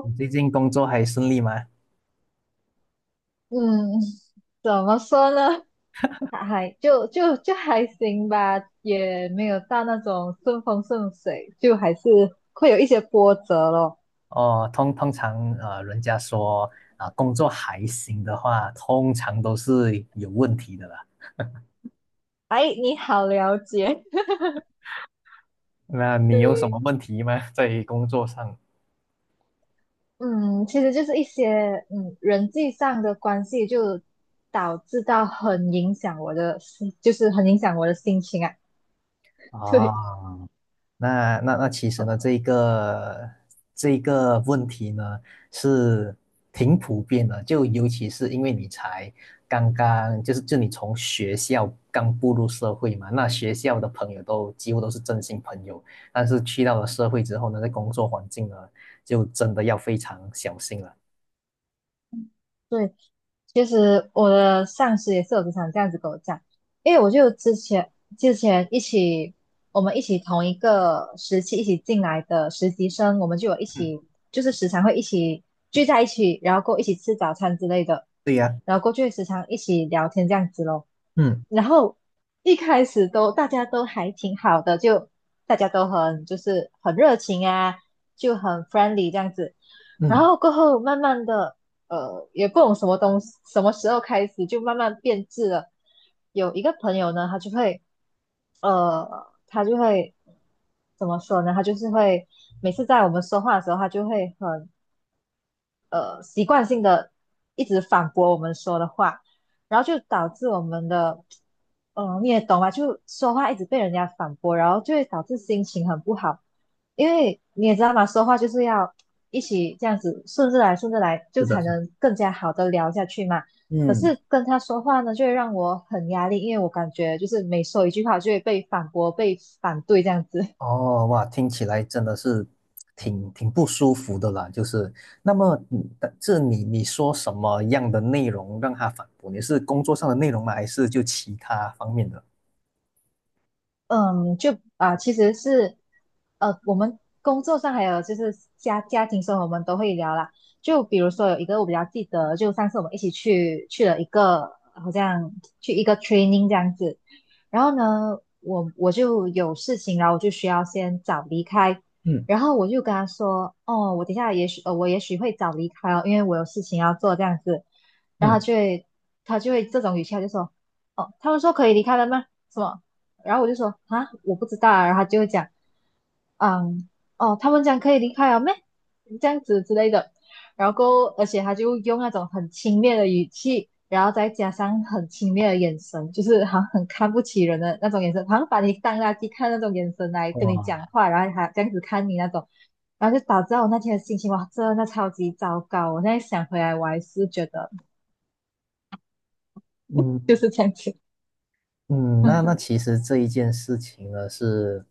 你 最近工作还顺利吗？嗯，怎么说呢？还还就就就还行吧，也没有到那种顺风顺水，就还是会有一些波折咯。哦，通常人家说啊、工作还行的话，通常都是有问题的啦。哎，你好了解，那你有什嗯对，么问题吗？在工作上嗯，其实就是一些人际上的关系，就导致到很影响我的心，就是很影响我的心情啊。啊，对，那其实呢，这一个问题呢是挺普遍的，就尤其是因为你才刚刚就是就你从学校刚步入社会嘛，那学校的朋友都几乎都是真心朋友，但是去到了社会之后呢，在工作环境呢，就真的要非常小心了。对，其实我的上司也是有经常这样子跟我讲，因为我就之前我们同一个时期一起进来的实习生，我们就有一嗯，起就是时常会一起聚在一起，然后过一起吃早餐之类的，对呀，然后过去时常一起聊天这样子咯。嗯然后一开始大家都还挺好的，就大家都很热情啊，就很 friendly 这样子。然嗯，后过后慢慢的，也不懂什么东西，什么时候开始就慢慢变质了。有一个朋友呢，呃，他就会怎么说呢？他就是会每次在我们说话的时候，他就会很习惯性的一直反驳我们说的话，然后就导致我们的，嗯，你也懂吧？就说话一直被人家反驳，然后就会导致心情很不好，因为你也知道嘛，说话就是要一起这样子顺着来顺着来，是就的，才是的，能更加好的聊下去嘛。可嗯。是跟他说话呢，就会让我很压力，因为我感觉就是每说一句话就会被反驳、被反对这样子。哦，哇，听起来真的是挺不舒服的啦。就是，那么你，但这你说什么样的内容让他反驳？你是工作上的内容吗？还是就其他方面的？嗯，其实是我们工作上还有就是家庭生活，我们都会聊啦。就比如说有一个我比较记得，就上次我们一起去了一个好像去一个 training 这样子，然后呢，我就有事情，然后我就需要先早离开，嗯然后我就跟他说，哦，我等一下也许我也许会早离开哦，因为我有事情要做这样子，然后他嗯就会他就会这种语气，他就说，哦，他们说可以离开了吗？什么？然后我就说啊，我不知道啊。然后他就会讲，嗯，哦，他们讲可以离开了咩？这样子之类的。然后，而且他就用那种很轻蔑的语气，然后再加上很轻蔑的眼神，就是好像很看不起人的那种眼神，好像把你当垃圾看那种眼神来跟你哇，讲话，然后还这样子看你那种，然后就导致我那天的心情哇，真的超级糟糕。我现在想回来，我还是觉得嗯就是这样子。嗯，那 其实这一件事情呢是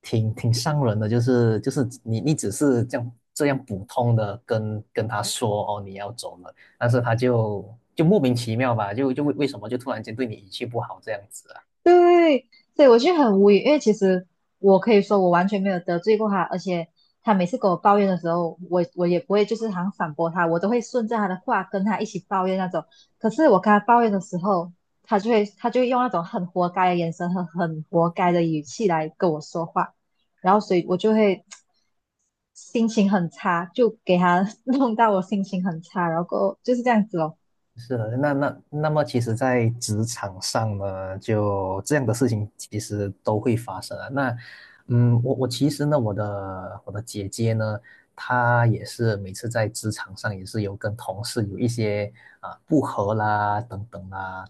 挺伤人的，就是就是你只是这样普通的跟他说哦你要走了，但是他就就莫名其妙吧，就就为什么就突然间对你语气不好这样子啊？对，所以我就很无语，因为其实我可以说我完全没有得罪过他，而且他每次跟我抱怨的时候，我也不会就是好像反驳他，我都会顺着他的话跟他一起抱怨那种。可是我跟他抱怨的时候，他就会用那种很活该的眼神和很活该的语气来跟我说话，然后所以我就会心情很差，就给他 弄到我心情很差，然后过后就是这样子哦，是的，那那么，其实，在职场上呢，就这样的事情其实都会发生啊。那，嗯，我其实呢，我的姐姐呢，她也是每次在职场上也是有跟同事有一些啊不和啦等等啦。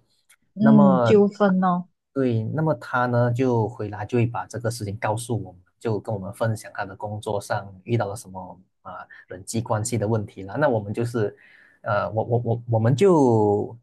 那嗯，么嗯纠纷哦，对，那么他呢就回来就会把这个事情告诉我们，就跟我们分享他的工作上遇到了什么啊人际关系的问题了。那我们就是，呃，我们就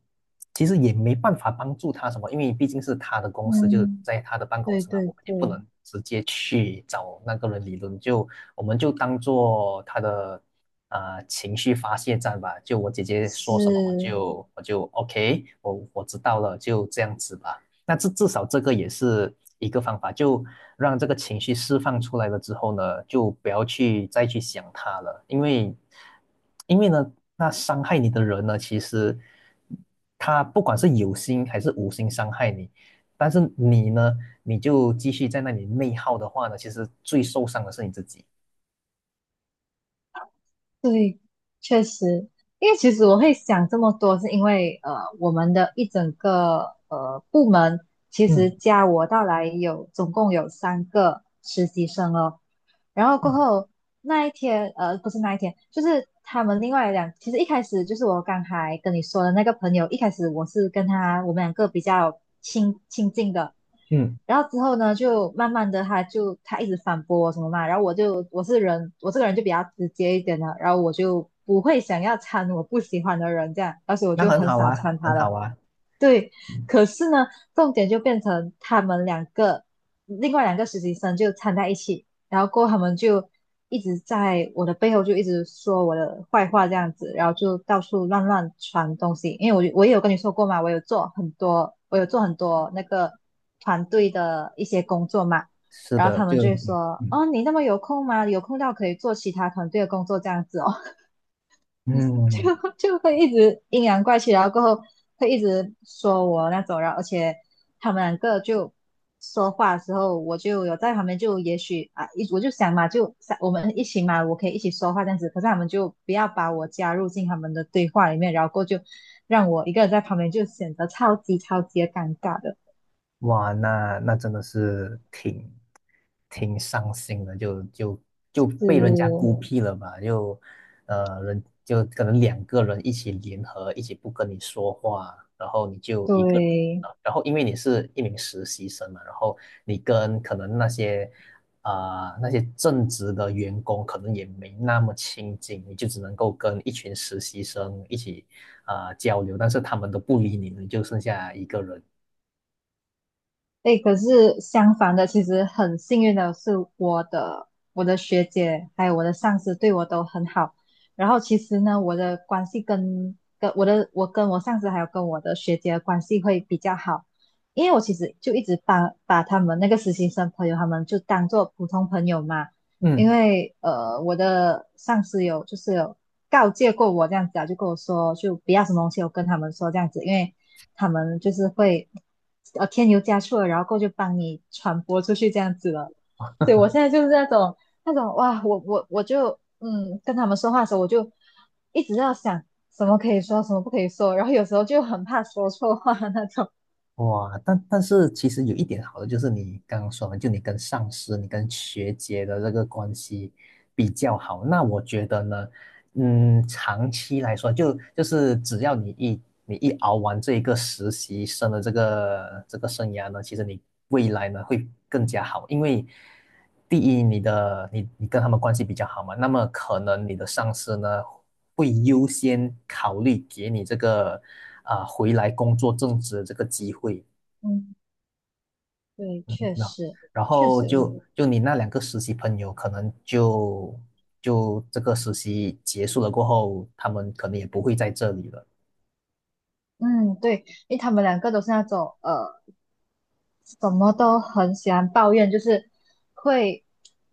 其实也没办法帮助他什么，因为毕竟是他的公司，就是嗯，在他的办公对室嘛，对我们也不对，能直接去找那个人理论，就我们就当做他的啊、情绪发泄站吧。就我姐姐说什么，我是，就我就 OK，我知道了，就这样子吧。那至少这个也是一个方法，就让这个情绪释放出来了之后呢，就不要去再去想它了，因为，因为呢，那伤害你的人呢，其实他不管是有心还是无心伤害你，但是你呢，你就继续在那里内耗的话呢，其实最受伤的是你自己。对，确实，因为其实我会想这么多，是因为我们的一整个部门其实嗯加我到来有总共有三个实习生哦。然后过嗯后那一天，呃，不是那一天，就是他们另外两，其实一开始就是我刚才跟你说的那个朋友，一开始我是跟他我们两个比较亲近的。嗯，然后之后呢，就慢慢的，他一直反驳我什么嘛，然后我是人，我这个人就比较直接一点的，然后我就不会想要掺我不喜欢的人这样，而且我那就很很好少啊，掺他很好了。啊。对，嗯可是呢，重点就变成他们两个，另外两个实习生就掺在一起，然后过后他们就一直在我的背后就一直说我的坏话这样子，然后就到处乱传东西。因为我也有跟你说过嘛，我有做很多那个团队的一些工作嘛，是然后的，他们就就会说，嗯哦，你那么有空吗？有空到可以做其他团队的工作这样子哦。就嗯，就会一直阴阳怪气，然后过后会一直说我那种，然后而且他们两个就说话的时候，我就有在旁边，就也许啊，我就想嘛，就想我们一起嘛，我可以一起说话这样子，可是他们就不要把我加入进他们的对话里面，然后过后就让我一个人在旁边，就显得超级的尴尬的，哇，那真的是挺伤心的，就就被人家是，孤僻了吧？就呃，人就可能两个人一起联合，一起不跟你说话，然后你就一个人对。啊，然后因为你是一名实习生嘛，然后你跟可能那些啊、呃那些正职的员工可能也没那么亲近，你就只能够跟一群实习生一起啊、呃交流，但是他们都不理你了，你就剩下一个人。哎，可是相反的，其实很幸运的是，我的我的学姐还有我的上司对我都很好。然后其实呢，我的关系跟跟我的我跟我上司还有跟我的学姐的关系会比较好，因为我其实就一直把他们那个实习生朋友他们就当做普通朋友嘛。因嗯。为我的上司有就是有告诫过我这样子啊，就跟我说，就不要什么东西我跟他们说这样子，因为他们就是会添油加醋的，然后过去帮你传播出去这样子了。所以我现在就是那种哇，我就跟他们说话的时候，我就一直要想什么可以说，什么不可以说，然后有时候就很怕说错话那种。哇，但是其实有一点好的就是你刚刚说的，就你跟上司、你跟学姐的这个关系比较好。那我觉得呢，嗯，长期来说，就是只要你一熬完这一个实习生的这个生涯呢，其实你未来呢会更加好，因为第一，你的你你跟他们关系比较好嘛，那么可能你的上司呢会优先考虑给你这个啊、呃回来工作正职的这个机会，嗯，对，确那实然确后实，就你那两个实习朋友，可能就这个实习结束了过后，他们可能也不会在这里了。嗯，对，因为他们两个都是那种。什么都很喜欢抱怨，就是会，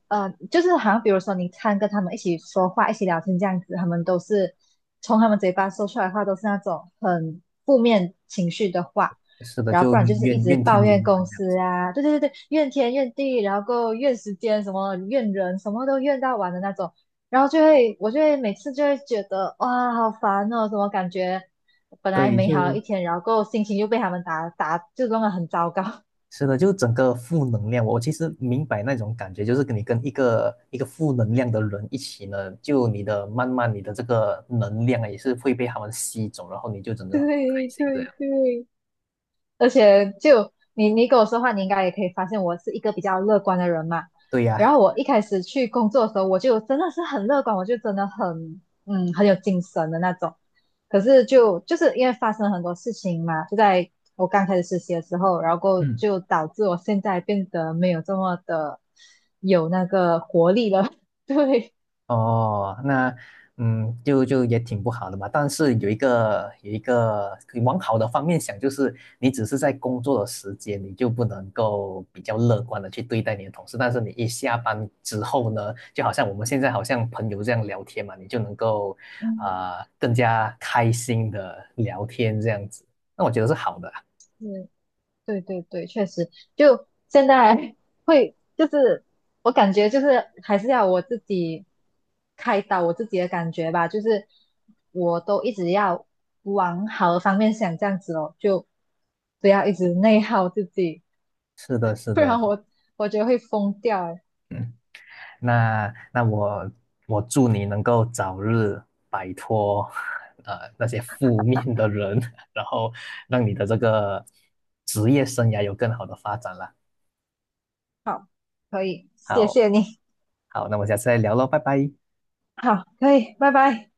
就是好像比如说你看跟他们一起说话、一起聊天这样子，他们都是从他们嘴巴说出来的话都是那种很负面情绪的话，是的，然后不就然就是一怨直怨天抱尤怨人这公样司啊，对对对对，怨天怨地，然后够怨时间，什么怨人，什么都怨到完的那种，然后我就会每次就会觉得哇，好烦哦，怎么感觉本来对，美好的就一天，然后够心情又被他们打，就弄得很糟糕。是的，就整个负能量。我其实明白那种感觉，就是跟你跟一个负能量的人一起呢，就你的慢慢你的这个能量啊也是会被他们吸走，然后你就整 个很不开对心这对样。对，而且你跟我说话，你应该也可以发现我是一个比较乐观的人嘛。对呀。然后我一开始去工作的时候，我就真的是很乐观，我就真的很很有精神的那种。可是就是因为发生了很多事情嘛，就在我刚开始实习的时候，然后过后嗯。就导致我现在变得没有这么的有那个活力了。对，哦，那嗯，就就也挺不好的嘛。但是有一个往好的方面想，就是你只是在工作的时间，你就不能够比较乐观的去对待你的同事。但是你一下班之后呢，就好像我们现在好像朋友这样聊天嘛，你就能够嗯，啊、呃更加开心的聊天这样子。那我觉得是好的啊对，对对对，确实，就现在 会就是我感觉就是还是要我自己开导我自己的感觉吧，就是我都一直要往好的方面想，这样子哦，就不要一直内耗自己，是的，是不然的，我觉得会疯掉诶。嗯。那那我我祝你能够早日摆脱呃那些负面的人，然后让你的这个职业生涯有更好的发展啦。好，可以，谢好，谢你，好，那我们下次再聊喽，拜拜。好，可以，拜拜。